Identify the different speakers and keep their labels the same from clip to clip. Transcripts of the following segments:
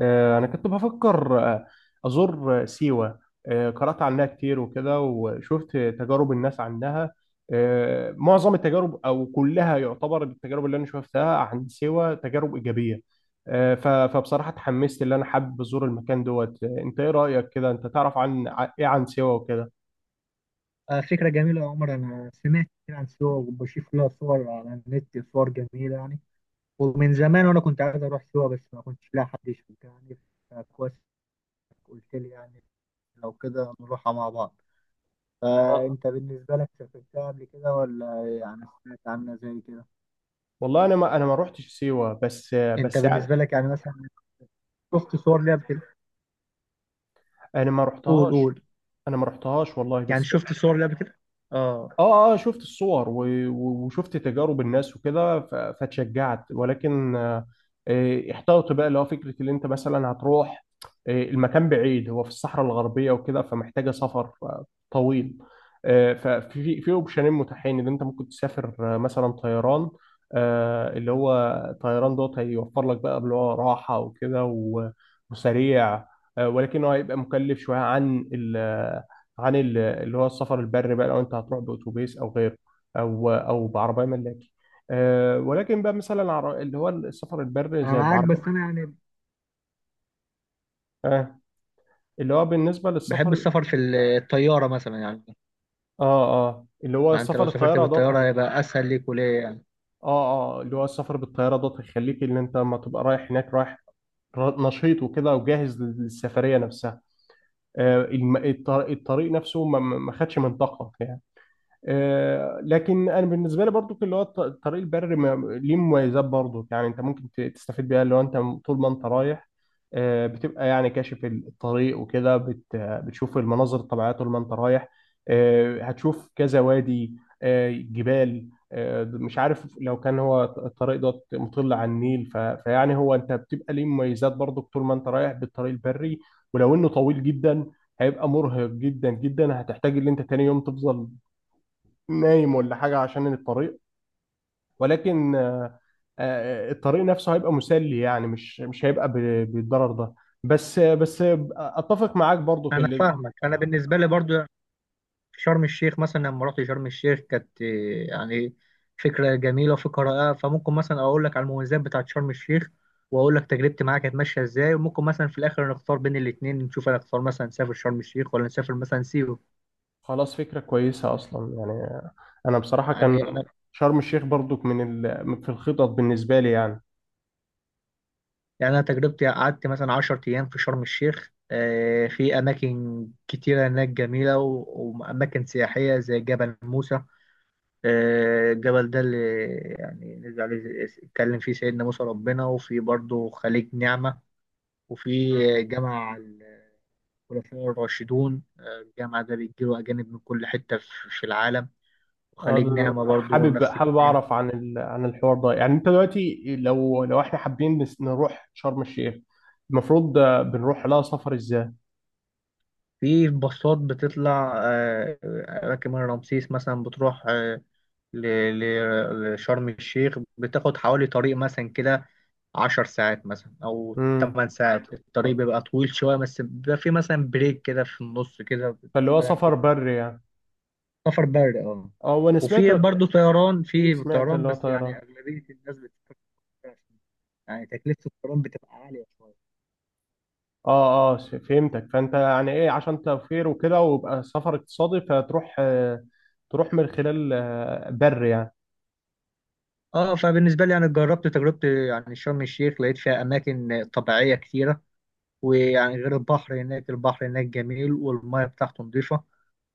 Speaker 1: أنا كنت بفكر أزور سيوة. قرأت عنها كتير وكده وشفت تجارب الناس عنها. معظم التجارب أو كلها يعتبر التجارب اللي أنا شفتها عن سيوة تجارب إيجابية. فبصراحة اتحمست، اللي أنا حابب أزور المكان دوت. أنت إيه رأيك كده؟ أنت تعرف عن إيه عن سيوة وكده؟
Speaker 2: فكرة جميلة يا عمر. أنا سمعت كتير عن سيوة وبشوف لها صور على النت، صور جميلة يعني. ومن زمان وأنا كنت عايز أروح سيوة بس ما كنتش لاقي حد يشوفها يعني، فكويس إنك قلت لي يعني. لو كده نروحها مع بعض.
Speaker 1: آه،
Speaker 2: فأنت بالنسبة لك سافرتها قبل كده ولا يعني سمعت عنها زي كده؟
Speaker 1: والله أنا ما روحتش سيوة، بس
Speaker 2: أنت
Speaker 1: بس يعني.
Speaker 2: بالنسبة لك يعني مثلا شفت صور ليها قبل كده؟
Speaker 1: أنا ما
Speaker 2: قول
Speaker 1: رحتهاش،
Speaker 2: قول
Speaker 1: أنا ما رحتهاش والله،
Speaker 2: يعني
Speaker 1: بس
Speaker 2: شفت صور ليها قبل كده؟ آه.
Speaker 1: اه اه شفت الصور وشفت تجارب الناس وكده فاتشجعت، ولكن احتوت بقى اللي هو فكره اللي انت مثلا هتروح. المكان بعيد، هو في الصحراء الغربيه وكده، فمحتاجه سفر طويل. آه، ففي اوبشنين متاحين اللي انت ممكن تسافر، مثلا طيران، اللي هو طيران دوت هيوفر لك بقى اللي هو راحه وكده وسريع. ولكن هو هيبقى مكلف شويه عن اللي هو السفر البري بقى، لو انت هتروح باتوبيس او غيره، او بعربيه ملاكي. أه، ولكن بقى مثلا اللي هو السفر البري
Speaker 2: أنا
Speaker 1: زي
Speaker 2: معاك بس
Speaker 1: بعربيه.
Speaker 2: أنا يعني
Speaker 1: أه، اللي هو بالنسبه
Speaker 2: بحب
Speaker 1: للسفر،
Speaker 2: السفر في الطيارة مثلا يعني.
Speaker 1: اه اه اللي هو
Speaker 2: ما انت لو
Speaker 1: سفر
Speaker 2: سافرت
Speaker 1: الطياره دوت
Speaker 2: بالطياره هيبقى اسهل ليك وليه يعني.
Speaker 1: اه اه اللي هو السفر بالطياره دوت هيخليك ان انت لما تبقى رايح هناك رايح نشيط وكده وجاهز للسفريه نفسها. الطريق نفسه ما خدش منطقه يعني. لكن انا بالنسبه لي برضو، اللي هو الطريق البري ما ليه مميزات برضو، يعني انت ممكن تستفيد بيها اللي هو انت طول ما انت رايح. بتبقى يعني كاشف الطريق وكده، بتشوف المناظر الطبيعيه طول ما انت رايح. هتشوف كذا وادي، جبال. مش عارف لو كان هو الطريق ده مطل على النيل، فيعني هو انت بتبقى ليه مميزات برضو طول ما انت رايح بالطريق البري، ولو انه طويل جدا. هيبقى مرهق جدا جدا، هتحتاج ان انت تاني يوم تفضل نايم ولا حاجة عشان الطريق. ولكن الطريق نفسه هيبقى مسلي، يعني مش هيبقى بالضرر ده. بس بس اتفق معاك برضو في
Speaker 2: انا
Speaker 1: اللي...
Speaker 2: فاهمك. انا بالنسبه لي برضو في شرم الشيخ مثلا، لما رحت شرم الشيخ كانت إيه يعني، فكره جميله وفكره. فممكن مثلا اقول لك على المميزات بتاعت شرم الشيخ، واقول لك تجربتي معاها كانت ماشيه ازاي، وممكن مثلا في الاخر نختار بين الاثنين، نشوف انا اختار مثلا نسافر شرم الشيخ ولا نسافر مثلا سيوه.
Speaker 1: خلاص، فكرة كويسة اصلا يعني. انا بصراحة
Speaker 2: يعني
Speaker 1: كان
Speaker 2: انا
Speaker 1: شرم الشيخ برضو من ال... في الخطط بالنسبة لي يعني.
Speaker 2: يعني انا تجربتي قعدت مثلا 10 ايام في شرم الشيخ. في اماكن كتيره هناك جميله واماكن سياحيه زي جبل موسى. الجبل ده اللي يعني نزل عليه، اتكلم فيه سيدنا موسى ربنا، وفي برضه خليج نعمة، وفي جامع الخلفاء الراشدون. الجامع ده بيجيله أجانب من كل حتة في العالم. وخليج
Speaker 1: هذا-
Speaker 2: نعمة برضه نفس
Speaker 1: حابب
Speaker 2: الكلام.
Speaker 1: اعرف عن ال... عن الحوار ده. يعني انت دلوقتي لو احنا حابين نروح شرم الشيخ، المفروض بنروح لها سفر ازاي؟
Speaker 2: في باصات بتطلع أماكن من رمسيس مثلا، بتروح لشرم الشيخ، بتاخد حوالي طريق مثلا كده عشر ساعات مثلا أو
Speaker 1: امم
Speaker 2: تمن ساعات. الطريق بيبقى طويل شوية بس بيبقى فيه مثلا بريك كده في النص كده
Speaker 1: فاللي هو
Speaker 2: بتستريح فيه.
Speaker 1: سفر بري يعني.
Speaker 2: سفر بري، اه.
Speaker 1: اه وانا سمعت،
Speaker 2: وفي برضه طيران،
Speaker 1: في
Speaker 2: في
Speaker 1: سمعت
Speaker 2: طيران،
Speaker 1: اللي هو
Speaker 2: بس يعني
Speaker 1: طيران.
Speaker 2: أغلبية الناس بتسافر بالطيران. يعني تكلفة الطيران بتبقى عالية شوية.
Speaker 1: اه اه، فهمتك. فانت يعني ايه، عشان توفير وكده ويبقى سفر اقتصادي، فتروح تروح من خلال بر يعني.
Speaker 2: اه، فبالنسبة لي يعني جربت تجربة يعني شرم الشيخ، لقيت فيها أماكن طبيعية كتيرة. ويعني غير البحر، هناك البحر هناك جميل والمياه بتاعته نضيفة،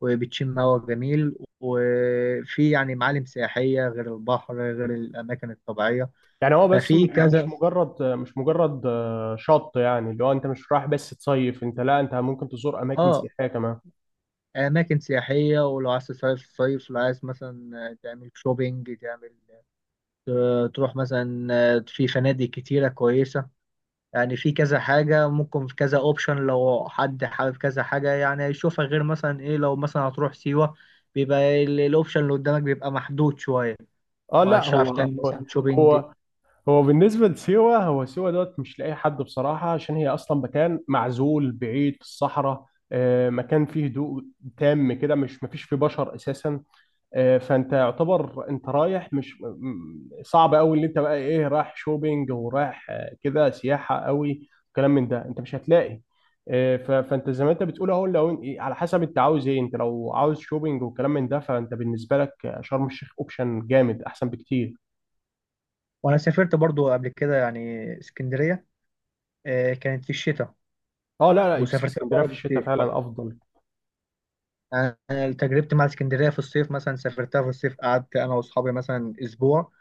Speaker 2: وبتشم هوا جميل، وفي يعني معالم سياحية غير البحر غير الأماكن الطبيعية.
Speaker 1: يعني هو بس
Speaker 2: ففي كذا
Speaker 1: مش مجرد شط، يعني اللي هو انت مش رايح بس تصيف، انت لا، انت ممكن تزور اماكن
Speaker 2: آه
Speaker 1: سياحية كمان.
Speaker 2: أماكن سياحية. ولو عايز تصيف صيف، لو عايز مثلا تعمل شوبينج، تعمل تروح مثلا، في فنادق كتيرة كويسة. يعني في كذا حاجة ممكن، في كذا اوبشن لو حد حابب كذا حاجة يعني يشوفها، غير مثلا ايه لو مثلا هتروح سيوة بيبقى الاوبشن اللي قدامك بيبقى محدود شوية،
Speaker 1: اه لا،
Speaker 2: مش هتعرف تعمل مثلا شوبينج.
Speaker 1: هو هو بالنسبة لسيوة، هو سيوة دوت مش لاقي حد بصراحة، عشان هي أصلا مكان معزول بعيد في الصحراء. مكان فيه هدوء تام كده، مش مفيش فيه بشر أساسا. فأنت يعتبر أنت رايح، مش صعب أوي اللي أنت بقى إيه، رايح شوبينج ورايح كده سياحة أوي، كلام من ده أنت مش هتلاقي. فأنت زي ما أنت بتقول أهو، لو إيه، على حسب أنت عاوز إيه. أنت لو عاوز شوبينج وكلام من ده، فأنت بالنسبة لك شرم الشيخ أوبشن جامد أحسن بكتير.
Speaker 2: وانا سافرت برضو قبل كده يعني اسكندرية. كانت في الشتاء.
Speaker 1: اه لا لا،
Speaker 2: وسافرتها
Speaker 1: اسكندريه
Speaker 2: مرة
Speaker 1: في الشتاء
Speaker 2: بالصيف
Speaker 1: فعلا
Speaker 2: برضو.
Speaker 1: افضل.
Speaker 2: يعني أنا تجربتي مع اسكندرية في الصيف، مثلا سافرتها في الصيف، قعدت انا واصحابي مثلا اسبوع.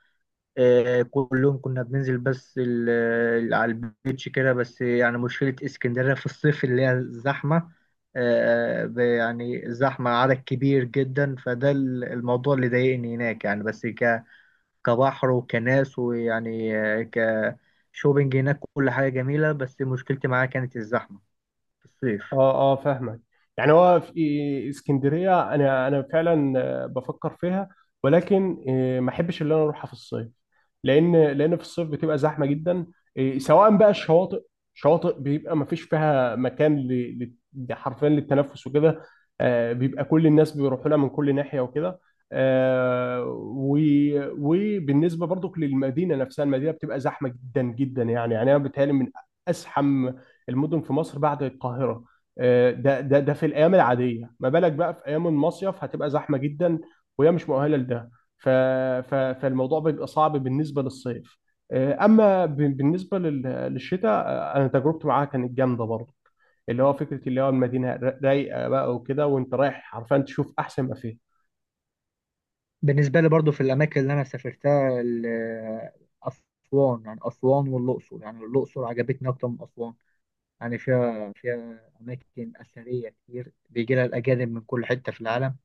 Speaker 2: كلهم كنا بننزل بس على البيتش كده بس. يعني مشكلة اسكندرية في الصيف اللي هي الزحمة. يعني زحمة عدد كبير جدا، فده الموضوع اللي ضايقني هناك يعني. بس كبحر وكناس ويعني كشوبينج، هناك كل حاجة جميلة بس مشكلتي معاها كانت الزحمة في الصيف.
Speaker 1: اه اه فاهمك. يعني هو في اسكندريه انا فعلا بفكر فيها، ولكن ما احبش ان انا اروحها في الصيف، لان في الصيف بتبقى زحمه جدا. سواء بقى شواطئ، بيبقى ما فيش فيها مكان حرفيا للتنفس وكده. بيبقى كل الناس بيروحوا لها من كل ناحيه وكده. آه، وبالنسبه برضك للمدينه نفسها، المدينه بتبقى زحمه جدا جدا، يعني انا بتهيألي من ازحم المدن في مصر بعد القاهره. ده في الايام العاديه، ما بالك بقى في ايام المصيف، هتبقى زحمه جدا وهي مش مؤهله لده. ف ف فالموضوع بيبقى صعب بالنسبه للصيف. اما بالنسبه للشتاء، انا تجربتي معاها كانت جامده برضه، اللي هو فكره اللي هو المدينه رايقه بقى وكده، وانت رايح حرفيا تشوف احسن ما فيها.
Speaker 2: بالنسبة لي برضو في الأماكن اللي أنا سافرتها، أسوان. يعني أسوان والأقصر، يعني الأقصر عجبتني أكتر من أسوان. يعني فيها أماكن أثرية كتير بيجي لها الأجانب من كل حتة في العالم.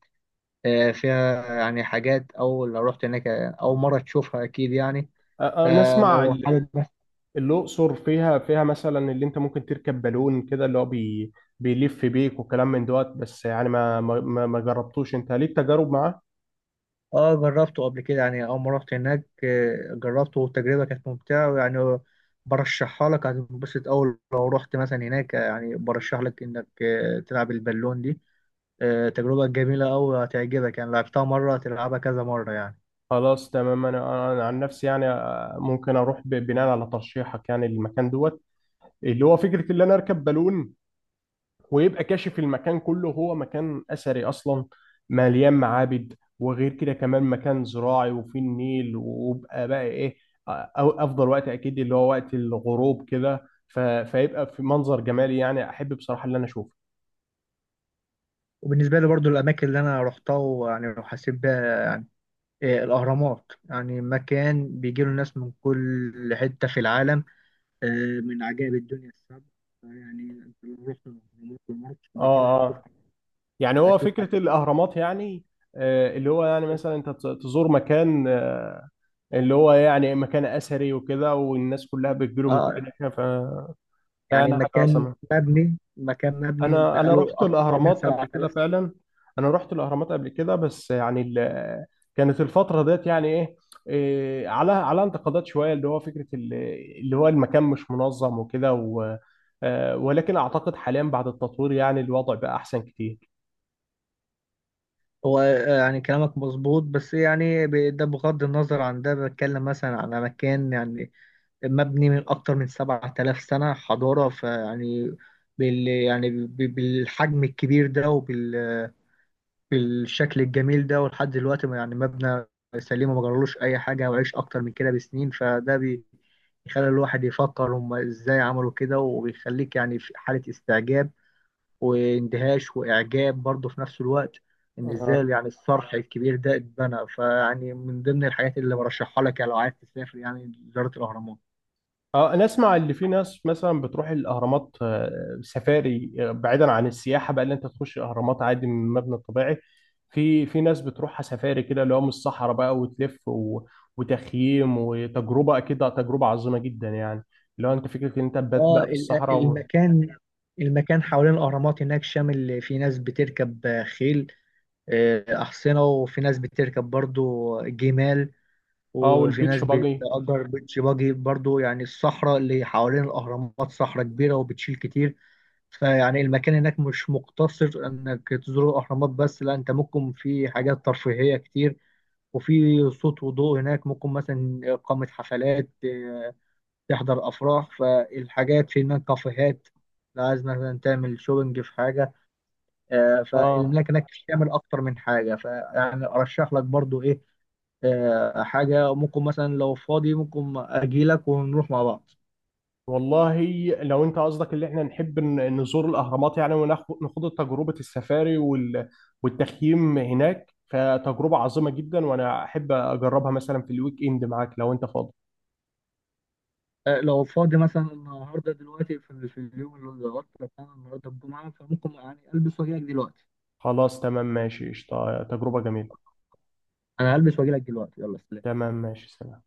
Speaker 2: فيها يعني حاجات أول لو رحت هناك أول مرة تشوفها أكيد يعني،
Speaker 1: نسمع
Speaker 2: فلو
Speaker 1: ال-...
Speaker 2: حابب بس.
Speaker 1: الاقصر فيها، فيها مثلا اللي انت ممكن تركب بالون كده، اللي هو بيلف بيك وكلام من دوت. بس يعني ما جربتوش. انت ليك تجارب معاه؟
Speaker 2: اه جربته قبل كده يعني. أول ما رحت هناك جربته والتجربة كانت ممتعة، ويعني برشحها لك، هتنبسط أول لو رحت مثلا هناك. يعني برشح لك إنك تلعب البالون دي. تجربة جميلة أوي، هتعجبك يعني، لعبتها مرة هتلعبها كذا مرة يعني.
Speaker 1: خلاص تمام، انا عن نفسي يعني، ممكن اروح بناء على ترشيحك يعني المكان دوت، اللي هو فكره ان انا اركب بالون ويبقى كاشف المكان كله. هو مكان اثري اصلا، مليان معابد، وغير كده كمان مكان زراعي وفيه النيل، ويبقى بقى ايه، أو افضل وقت اكيد اللي هو وقت الغروب كده، فيبقى في منظر جمالي. يعني احب بصراحه اللي انا اشوفه.
Speaker 2: وبالنسبة لي برضو الأماكن اللي أنا روحتها ويعني وحسيت بيها، الأهرامات. يعني مكان بيجي له ناس من كل حتة في العالم. من عجائب الدنيا السبع. يعني انت لو رحت الأهرامات ومرت قبل كده
Speaker 1: اه
Speaker 2: هتشوف،
Speaker 1: اه، يعني هو
Speaker 2: هتشوف حاجات
Speaker 1: فكره الاهرامات يعني، اللي هو يعني
Speaker 2: كتير.
Speaker 1: مثلا انت تزور مكان، اللي هو يعني مكان اثري وكده، والناس كلها بتجيله من كل
Speaker 2: اه
Speaker 1: ناحيه ف...
Speaker 2: يعني
Speaker 1: فانا حاجه
Speaker 2: مكان
Speaker 1: عظمه.
Speaker 2: مبني مكان مبني
Speaker 1: انا
Speaker 2: بقاله
Speaker 1: رحت
Speaker 2: أكتر من
Speaker 1: الاهرامات قبل كده
Speaker 2: 7000 سنة.
Speaker 1: فعلا. انا رحت الاهرامات قبل كده، بس يعني ال... كانت الفتره ديت يعني ايه، إيه، على على انتقادات شويه، اللي هو فكره اللي هو المكان مش منظم وكده و... ولكن اعتقد حاليا بعد التطوير يعني الوضع بقى احسن
Speaker 2: هو آه، يعني كلامك مظبوط بس يعني ده بغض النظر عن ده، بتكلم مثلا على مكان يعني مبني من أكتر من 7000 سنة حضارة، فيعني بالحجم الكبير ده بالشكل الجميل ده، ولحد دلوقتي يعني مبنى سليم وما جرالوش اي حاجه وعيش اكتر من كده بسنين. بيخلي الواحد يفكر، هم ازاي عملوا كده؟ وبيخليك يعني في حاله استعجاب واندهاش واعجاب برضه في نفس الوقت، ان
Speaker 1: كتير.
Speaker 2: ازاي يعني الصرح الكبير ده اتبنى. فيعني من ضمن الحاجات اللي برشحها لك يعني لو عايز تسافر يعني زياره الاهرامات.
Speaker 1: اه، انا اسمع اللي في ناس مثلا بتروح الاهرامات سفاري، بعيدا عن السياحه بقى اللي انت تخش الاهرامات عادي من المبنى الطبيعي. في ناس بتروحها سفاري كده، اللي هو من الصحراء بقى وتلف و... وتخييم، وتجربه اكيد تجربه عظيمه جدا يعني، اللي هو انت فكره ان انت تبات
Speaker 2: اه
Speaker 1: بقى في الصحراء و...
Speaker 2: المكان، المكان حوالين الاهرامات هناك، شامل في ناس بتركب خيل، أحصنة، وفي ناس بتركب برضو جمال،
Speaker 1: اه،
Speaker 2: وفي ناس
Speaker 1: والبيتش باجي.
Speaker 2: بتأجر بيتش باجي برضو. يعني الصحراء اللي حوالين الأهرامات صحراء كبيرة وبتشيل كتير. فيعني المكان هناك مش مقتصر إنك تزور الأهرامات بس، لا، أنت ممكن في حاجات ترفيهية كتير. وفي صوت وضوء هناك، ممكن مثلا إقامة حفلات، تحضر أفراح، فالحاجات في هناك كافيهات لو عايز مثلا تعمل شوبنج في حاجة.
Speaker 1: اه
Speaker 2: فالملاك هناك بتشمل اكتر من حاجه، فيعني ارشح لك برضو ايه، حاجه ممكن مثلا لو فاضي ممكن اجي لك ونروح مع بعض.
Speaker 1: والله، لو انت قصدك اللي احنا نحب نزور الاهرامات يعني وناخد تجربه السفاري والتخييم هناك، فتجربه عظيمه جدا وانا احب اجربها مثلا في الويك اند معاك لو انت فاضي.
Speaker 2: لو فاضي مثلا النهارده دلوقتي، في اليوم اللي ظبطت لك، انا النهارده الجمعه فممكن يعني البس واجي لك دلوقتي.
Speaker 1: خلاص تمام ماشي، قشطة، تجربه جميله.
Speaker 2: انا هلبس واجي لك دلوقتي، يلا سلام.
Speaker 1: تمام ماشي، سلام.